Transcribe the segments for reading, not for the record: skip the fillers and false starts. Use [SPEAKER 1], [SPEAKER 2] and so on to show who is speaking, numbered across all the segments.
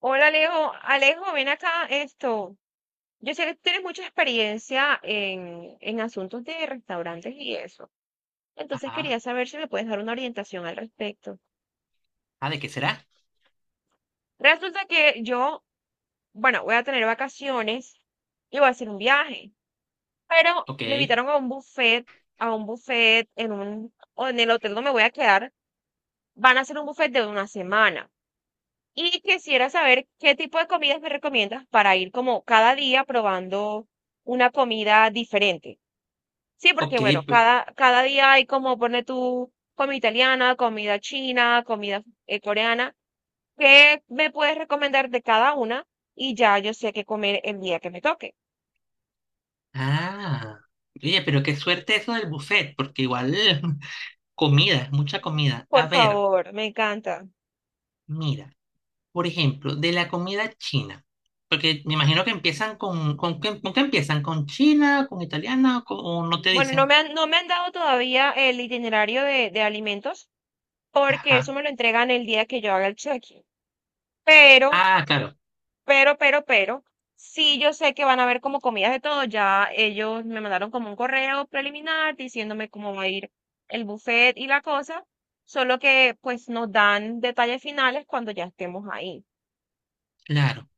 [SPEAKER 1] Hola Alejo, Alejo, ven acá esto. Yo sé que tú tienes mucha experiencia en asuntos de restaurantes y eso. Entonces
[SPEAKER 2] Ajá.
[SPEAKER 1] quería saber si me puedes dar una orientación al respecto.
[SPEAKER 2] Ah, ¿de qué será?
[SPEAKER 1] Resulta que yo, bueno, voy a tener vacaciones y voy a hacer un viaje, pero
[SPEAKER 2] Ok,
[SPEAKER 1] me invitaron a un buffet en un, o en el hotel donde me voy a quedar, van a hacer un buffet de una semana. Y quisiera saber qué tipo de comidas me recomiendas para ir como cada día probando una comida diferente. Sí,
[SPEAKER 2] ok.
[SPEAKER 1] porque bueno,
[SPEAKER 2] pe-
[SPEAKER 1] cada día hay como pone tu comida italiana, comida china, comida coreana. ¿Qué me puedes recomendar de cada una? Y ya yo sé qué comer el día que me toque.
[SPEAKER 2] Ah, oye, pero qué suerte eso del buffet, porque igual comida, mucha comida.
[SPEAKER 1] Por
[SPEAKER 2] A ver,
[SPEAKER 1] favor, me encanta.
[SPEAKER 2] mira, por ejemplo, de la comida china, porque me imagino que empiezan con qué empiezan? ¿Con china, con italiana o o no te
[SPEAKER 1] Bueno, no
[SPEAKER 2] dicen?
[SPEAKER 1] me han, no me han dado todavía el itinerario de alimentos porque eso
[SPEAKER 2] Ajá.
[SPEAKER 1] me lo entregan el día que yo haga el check-in. Pero
[SPEAKER 2] Ah, claro,
[SPEAKER 1] pero, sí yo sé que van a haber como comidas de todo. Ya ellos me mandaron como un correo preliminar diciéndome cómo va a ir el buffet y la cosa. Solo que pues nos dan detalles finales cuando ya estemos ahí.
[SPEAKER 2] claro.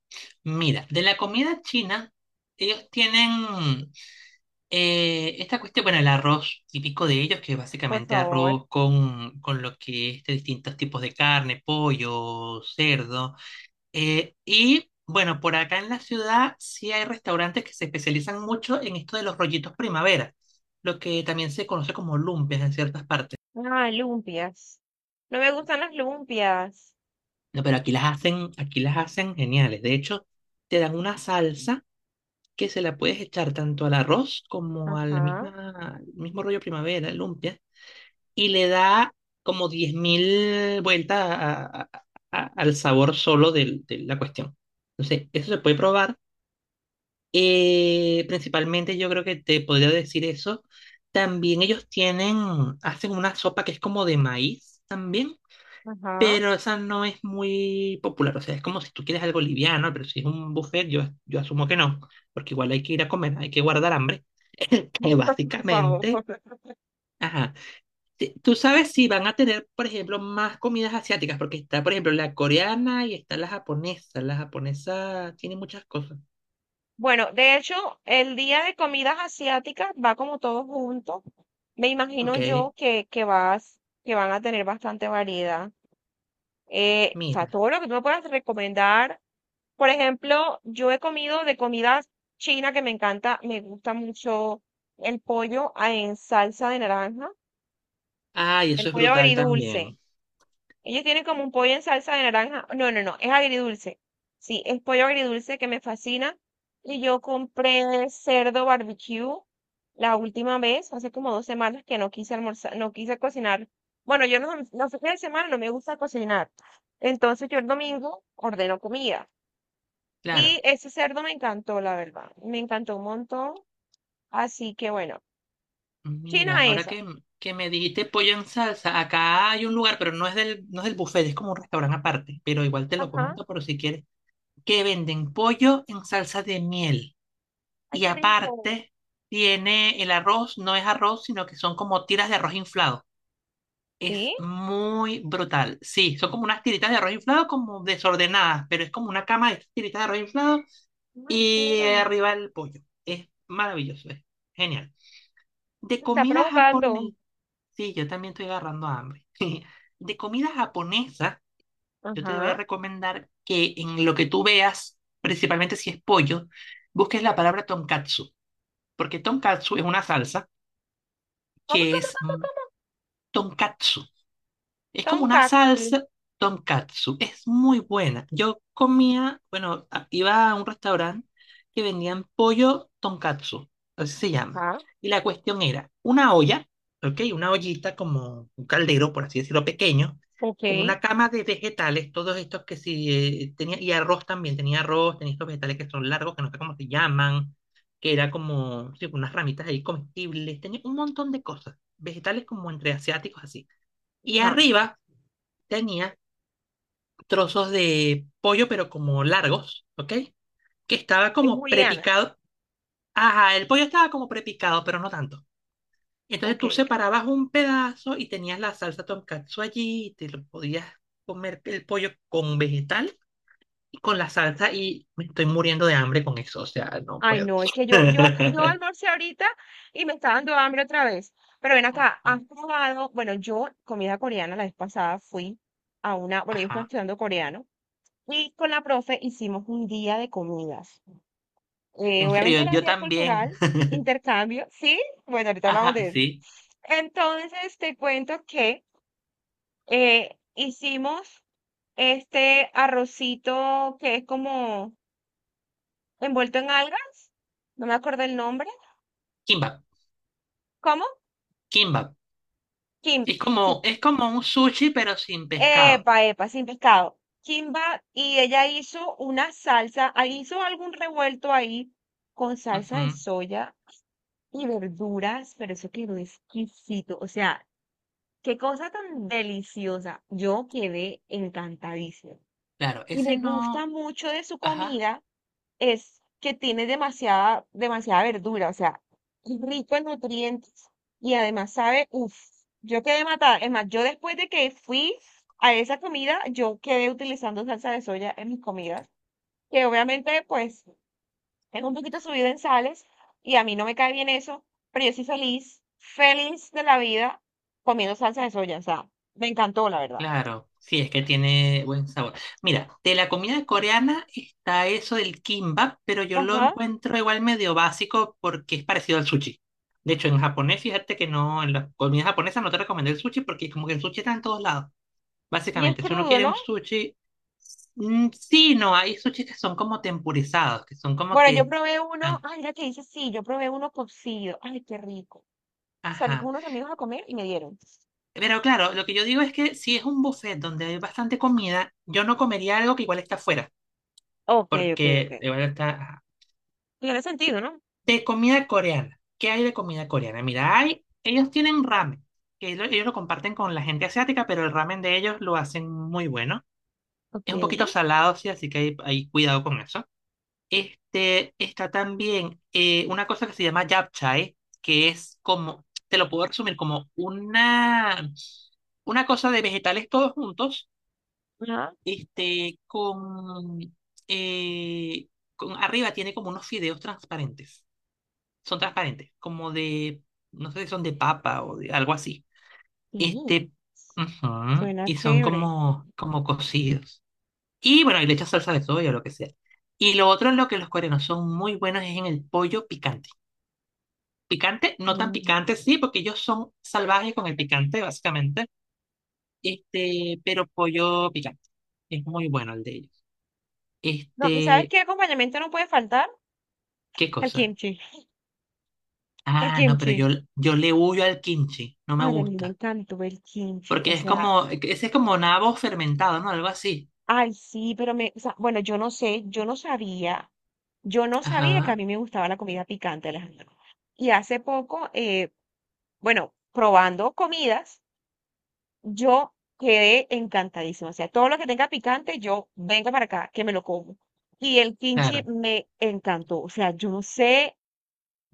[SPEAKER 2] Mira, de la comida china, ellos tienen esta cuestión, bueno, el arroz típico de ellos, que es
[SPEAKER 1] Por
[SPEAKER 2] básicamente
[SPEAKER 1] favor.
[SPEAKER 2] arroz con lo que es de distintos tipos de carne, pollo, cerdo. Y bueno, por acá en la ciudad sí hay restaurantes que se especializan mucho en esto de los rollitos primavera, lo que también se conoce como lumpes en ciertas partes.
[SPEAKER 1] Ah, lumpias. No me gustan las lumpias.
[SPEAKER 2] No, pero aquí las hacen geniales. De hecho, te dan una salsa que se la puedes echar tanto al arroz como al
[SPEAKER 1] Ajá,
[SPEAKER 2] misma, al mismo rollo primavera, lumpia y le da como 10.000 vueltas al sabor solo de la cuestión. Entonces, eso se puede probar. Principalmente yo creo que te podría decir eso. También ellos tienen, hacen una sopa que es como de maíz también,
[SPEAKER 1] ajá.
[SPEAKER 2] pero esa no es muy popular. O sea, es como si tú quieres algo liviano, pero si es un buffet, yo asumo que no, porque igual hay que ir a comer, hay que guardar hambre. Que
[SPEAKER 1] Por favor.
[SPEAKER 2] básicamente... Ajá. Tú sabes si van a tener, por ejemplo, más comidas asiáticas, porque está, por ejemplo, la coreana y está la japonesa. La japonesa tiene muchas cosas.
[SPEAKER 1] Bueno, de hecho, el día de comidas asiáticas va como todo junto. Me imagino
[SPEAKER 2] Ok,
[SPEAKER 1] yo que vas, que van a tener bastante variedad. O sea,
[SPEAKER 2] mira.
[SPEAKER 1] todo lo que tú me puedas recomendar. Por ejemplo, yo he comido de comida china que me encanta, me gusta mucho en salsa de naranja,
[SPEAKER 2] Ay,
[SPEAKER 1] el
[SPEAKER 2] eso es
[SPEAKER 1] pollo
[SPEAKER 2] brutal
[SPEAKER 1] agridulce.
[SPEAKER 2] también.
[SPEAKER 1] Ellos tienen como un pollo en salsa de naranja. No, no, no, es agridulce. Sí, es pollo agridulce que me fascina. Y yo compré cerdo barbecue la última vez, hace como dos semanas que no quise almorzar, no quise cocinar. Bueno, yo no, los fines de semana no me gusta cocinar. Entonces yo el domingo ordeno comida.
[SPEAKER 2] Claro.
[SPEAKER 1] Y ese cerdo me encantó, la verdad. Me encantó un montón. Así que bueno,
[SPEAKER 2] Mira,
[SPEAKER 1] china esa.
[SPEAKER 2] que me dijiste pollo en salsa, acá hay un lugar, pero no es del, no es del buffet, es como un restaurante aparte, pero igual te lo
[SPEAKER 1] Ajá.
[SPEAKER 2] comento por si quieres, que venden pollo en salsa de miel.
[SPEAKER 1] Ay,
[SPEAKER 2] Y
[SPEAKER 1] qué rico.
[SPEAKER 2] aparte, tiene el arroz, no es arroz, sino que son como tiras de arroz inflado.
[SPEAKER 1] ¿Sí?
[SPEAKER 2] Es muy brutal. Sí, son como unas tiritas de arroz inflado, como desordenadas, pero es como una cama de tiritas de arroz inflado
[SPEAKER 1] Ay,
[SPEAKER 2] y
[SPEAKER 1] quiero.
[SPEAKER 2] arriba el pollo. Es maravilloso, es genial. De
[SPEAKER 1] Me está
[SPEAKER 2] comida
[SPEAKER 1] provocando.
[SPEAKER 2] japonesa, sí, yo también estoy agarrando hambre. De comida japonesa, yo te voy a
[SPEAKER 1] Ajá.
[SPEAKER 2] recomendar que en lo que tú veas, principalmente si es pollo, busques la palabra tonkatsu, porque tonkatsu es una salsa
[SPEAKER 1] ¿Cómo,
[SPEAKER 2] que
[SPEAKER 1] cómo,
[SPEAKER 2] es
[SPEAKER 1] cómo, cómo?
[SPEAKER 2] tonkatsu. Es como una
[SPEAKER 1] Tonkatsu.
[SPEAKER 2] salsa tonkatsu. Es muy buena. Yo comía, bueno, iba a un restaurante que vendían pollo tonkatsu. Así se llama.
[SPEAKER 1] Ajá.
[SPEAKER 2] Y la cuestión era una olla, ¿ok? Una ollita como un caldero, por así decirlo, pequeño,
[SPEAKER 1] Ok.
[SPEAKER 2] con una cama de vegetales, todos estos que sí tenía, y arroz también, tenía arroz, tenía estos vegetales que son largos, que no sé cómo se llaman, que era como sí, unas ramitas ahí comestibles, tenía un montón de cosas, vegetales como entre asiáticos así. Y
[SPEAKER 1] Ajá.
[SPEAKER 2] arriba tenía trozos de pollo, pero como largos, ¿ok? Que estaba
[SPEAKER 1] En
[SPEAKER 2] como
[SPEAKER 1] julianas.
[SPEAKER 2] prepicado. Ajá, el pollo estaba como prepicado, pero no tanto. Entonces
[SPEAKER 1] Ok,
[SPEAKER 2] tú
[SPEAKER 1] ok.
[SPEAKER 2] separabas un pedazo y tenías la salsa tonkatsu allí y te lo podías comer el pollo con vegetal y con la salsa y me estoy muriendo de hambre con eso, o sea, no
[SPEAKER 1] Ay,
[SPEAKER 2] puedo.
[SPEAKER 1] no, es que yo almorcé ahorita y me está dando hambre otra vez. Pero ven acá, has probado, bueno, yo comida coreana la vez pasada fui a una, bueno, yo estaba
[SPEAKER 2] Ajá.
[SPEAKER 1] estudiando coreano y con la profe hicimos un día de comidas.
[SPEAKER 2] En
[SPEAKER 1] Obviamente
[SPEAKER 2] serio,
[SPEAKER 1] era
[SPEAKER 2] yo
[SPEAKER 1] día
[SPEAKER 2] también.
[SPEAKER 1] cultural, intercambio, ¿sí? Bueno, ahorita hablamos
[SPEAKER 2] Ajá,
[SPEAKER 1] de eso.
[SPEAKER 2] sí.
[SPEAKER 1] Entonces te cuento que hicimos este arrocito que es como envuelto en algas, no me acuerdo el nombre.
[SPEAKER 2] Kimbap,
[SPEAKER 1] ¿Cómo?
[SPEAKER 2] kimbap.
[SPEAKER 1] Kimba, sí.
[SPEAKER 2] Es como un sushi, pero sin pescado.
[SPEAKER 1] Epa, epa, sin pescado. Kimba, y ella hizo una salsa, ah, hizo algún revuelto ahí con salsa de
[SPEAKER 2] Ujú.
[SPEAKER 1] soya y verduras, pero eso quedó exquisito. O sea, qué cosa tan deliciosa. Yo quedé encantadísima.
[SPEAKER 2] Claro,
[SPEAKER 1] Y
[SPEAKER 2] ese
[SPEAKER 1] me gusta
[SPEAKER 2] no.
[SPEAKER 1] mucho de su
[SPEAKER 2] Ajá,
[SPEAKER 1] comida es que tiene demasiada verdura, o sea, es rico en nutrientes y además sabe, uff, yo quedé matada. Es más, yo después de que fui a esa comida, yo quedé utilizando salsa de soya en mis comidas, que obviamente pues es un poquito subido en sales y a mí no me cae bien eso, pero yo soy feliz, feliz de la vida comiendo salsa de soya, o sea, me encantó la verdad.
[SPEAKER 2] claro. Sí, es que tiene buen sabor. Mira, de la comida coreana está eso del kimbap, pero yo lo
[SPEAKER 1] Ajá,
[SPEAKER 2] encuentro igual medio básico porque es parecido al sushi. De hecho, en japonés, fíjate que no, en la comida japonesa no te recomendé el sushi porque como que el sushi está en todos lados.
[SPEAKER 1] y es
[SPEAKER 2] Básicamente, si uno
[SPEAKER 1] crudo,
[SPEAKER 2] quiere un
[SPEAKER 1] ¿no?
[SPEAKER 2] sushi, sí, no, hay sushi que son como tempurizados, que son como
[SPEAKER 1] Bueno, yo
[SPEAKER 2] que
[SPEAKER 1] probé uno,
[SPEAKER 2] están,
[SPEAKER 1] ay, mira que dice sí, yo probé uno cocido, ay, qué rico. Salí con
[SPEAKER 2] ajá.
[SPEAKER 1] unos amigos a comer y me dieron.
[SPEAKER 2] Pero claro, lo que yo digo es que si es un buffet donde hay bastante comida, yo no comería algo que igual está afuera,
[SPEAKER 1] Ok, ok, ok.
[SPEAKER 2] porque igual está
[SPEAKER 1] Tiene sentido, ¿no?
[SPEAKER 2] de comida coreana. ¿Qué hay de comida coreana? Mira, hay, ellos tienen ramen, que ellos lo comparten con la gente asiática, pero el ramen de ellos lo hacen muy bueno.
[SPEAKER 1] Ok.
[SPEAKER 2] Es un poquito salado, sí, así que hay cuidado con eso. Este, está también una cosa que se llama japchae, que es como, te lo puedo resumir como una cosa de vegetales todos juntos
[SPEAKER 1] Ah,
[SPEAKER 2] este, con, eh, con arriba tiene como unos fideos transparentes. Son transparentes, como de, no sé si son de papa o de algo así.
[SPEAKER 1] sí,
[SPEAKER 2] Este, ujú,
[SPEAKER 1] suena
[SPEAKER 2] y son
[SPEAKER 1] chévere.
[SPEAKER 2] como, como cocidos. Y bueno, y le echas salsa de soya o lo que sea. Y lo otro en lo que los coreanos son muy buenos es en el pollo picante. Picante, no tan
[SPEAKER 1] Mm.
[SPEAKER 2] picante, sí, porque ellos son salvajes con el picante, básicamente. Este, pero pollo picante. Es muy bueno el de ellos.
[SPEAKER 1] No, ¿y sabes
[SPEAKER 2] Este,
[SPEAKER 1] qué acompañamiento no puede faltar?
[SPEAKER 2] ¿qué
[SPEAKER 1] El
[SPEAKER 2] cosa?
[SPEAKER 1] kimchi. El
[SPEAKER 2] Ah, no, pero
[SPEAKER 1] kimchi.
[SPEAKER 2] yo le huyo al kimchi, no me
[SPEAKER 1] Ay, a mí me
[SPEAKER 2] gusta.
[SPEAKER 1] encantó el kimchi.
[SPEAKER 2] Porque
[SPEAKER 1] O
[SPEAKER 2] es
[SPEAKER 1] sea,
[SPEAKER 2] como, ese es como nabo fermentado, ¿no? Algo así.
[SPEAKER 1] ay, sí, pero me, o sea, bueno, yo no sabía que a
[SPEAKER 2] Ajá,
[SPEAKER 1] mí me gustaba la comida picante, Alejandro. Y hace poco, bueno, probando comidas, yo quedé encantadísima. O sea, todo lo que tenga picante, yo vengo para acá, que me lo como. Y el kimchi
[SPEAKER 2] claro.
[SPEAKER 1] me encantó. O sea, yo no sé,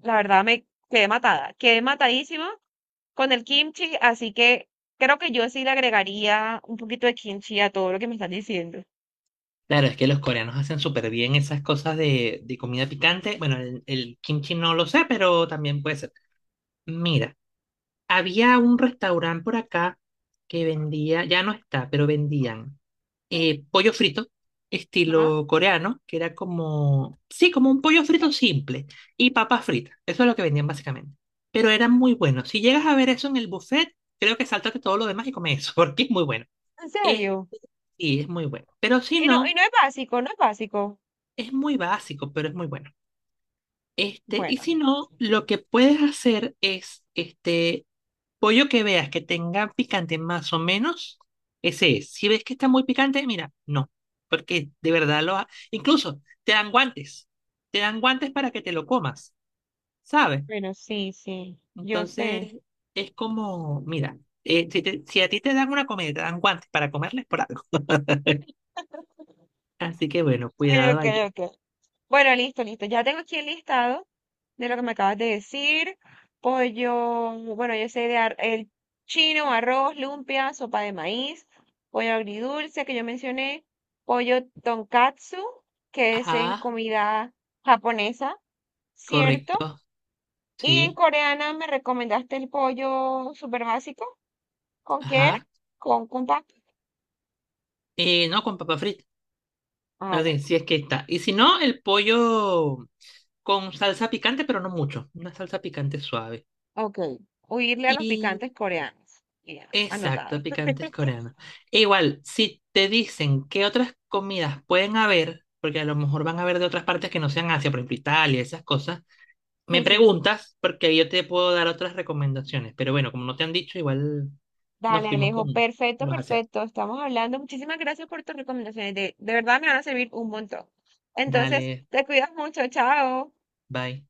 [SPEAKER 1] la verdad me quedé matada, quedé matadísima con el kimchi, así que creo que yo sí le agregaría un poquito de kimchi a todo lo que me están diciendo.
[SPEAKER 2] Claro, es que los coreanos hacen súper bien esas cosas de comida picante. Bueno, el kimchi no lo sé, pero también puede ser. Mira, había un restaurante por acá que vendía, ya no está, pero vendían. Pollo frito, estilo coreano, que era como, sí, como un pollo frito simple, y papas fritas. Eso es lo que vendían básicamente. Pero eran muy buenos. Si llegas a ver eso en el buffet, creo que sáltate todo lo demás y come eso, porque es muy bueno.
[SPEAKER 1] ¿En
[SPEAKER 2] Es,
[SPEAKER 1] serio?
[SPEAKER 2] sí, es muy bueno. Pero si
[SPEAKER 1] Y
[SPEAKER 2] no,
[SPEAKER 1] no es básico, no es básico.
[SPEAKER 2] es muy básico, pero es muy bueno. Este, y
[SPEAKER 1] Bueno,
[SPEAKER 2] si no, lo que puedes hacer es este, pollo que veas que tenga picante más o menos, ese es. Si ves que está muy picante, mira, no, porque de verdad lo ha... Incluso te dan guantes para que te lo comas, ¿sabes?
[SPEAKER 1] bueno, sí, sí, yo
[SPEAKER 2] Entonces
[SPEAKER 1] sé.
[SPEAKER 2] es como, mira, si, si a ti te dan una comida, y te dan guantes para comerles por algo. Así que bueno,
[SPEAKER 1] Ok,
[SPEAKER 2] cuidado
[SPEAKER 1] ok,
[SPEAKER 2] allí.
[SPEAKER 1] ok. Bueno, listo, listo. Ya tengo aquí el listado de lo que me acabas de decir. Pollo, bueno, yo sé de ar- el chino, arroz, lumpia, sopa de maíz, pollo agridulce que yo mencioné, pollo tonkatsu, que es en
[SPEAKER 2] Ajá,
[SPEAKER 1] comida japonesa, ¿cierto?
[SPEAKER 2] correcto,
[SPEAKER 1] Y en
[SPEAKER 2] sí,
[SPEAKER 1] coreana me recomendaste el pollo súper básico. ¿Con qué era?
[SPEAKER 2] ajá.
[SPEAKER 1] Con Kumpa.
[SPEAKER 2] No con papa frita,
[SPEAKER 1] Ah,
[SPEAKER 2] así,
[SPEAKER 1] bueno.
[SPEAKER 2] si es que está. Y si no, el pollo con salsa picante, pero no mucho, una salsa picante suave.
[SPEAKER 1] Ok. Huirle a los
[SPEAKER 2] Y
[SPEAKER 1] picantes coreanos. Ya, anotado.
[SPEAKER 2] exacto, picantes coreanos. E igual, si te dicen qué otras comidas pueden haber, porque a lo mejor van a haber de otras partes que no sean Asia, por ejemplo, Italia, esas cosas, me
[SPEAKER 1] Sí, sí.
[SPEAKER 2] preguntas porque yo te puedo dar otras recomendaciones. Pero bueno, como no te han dicho, igual nos
[SPEAKER 1] Dale,
[SPEAKER 2] fuimos
[SPEAKER 1] Alejo.
[SPEAKER 2] con
[SPEAKER 1] Perfecto,
[SPEAKER 2] los asiáticos.
[SPEAKER 1] perfecto. Estamos hablando. Muchísimas gracias por tus recomendaciones. De verdad me van a servir un montón. Entonces,
[SPEAKER 2] Dale,
[SPEAKER 1] te cuidas mucho. Chao.
[SPEAKER 2] bye.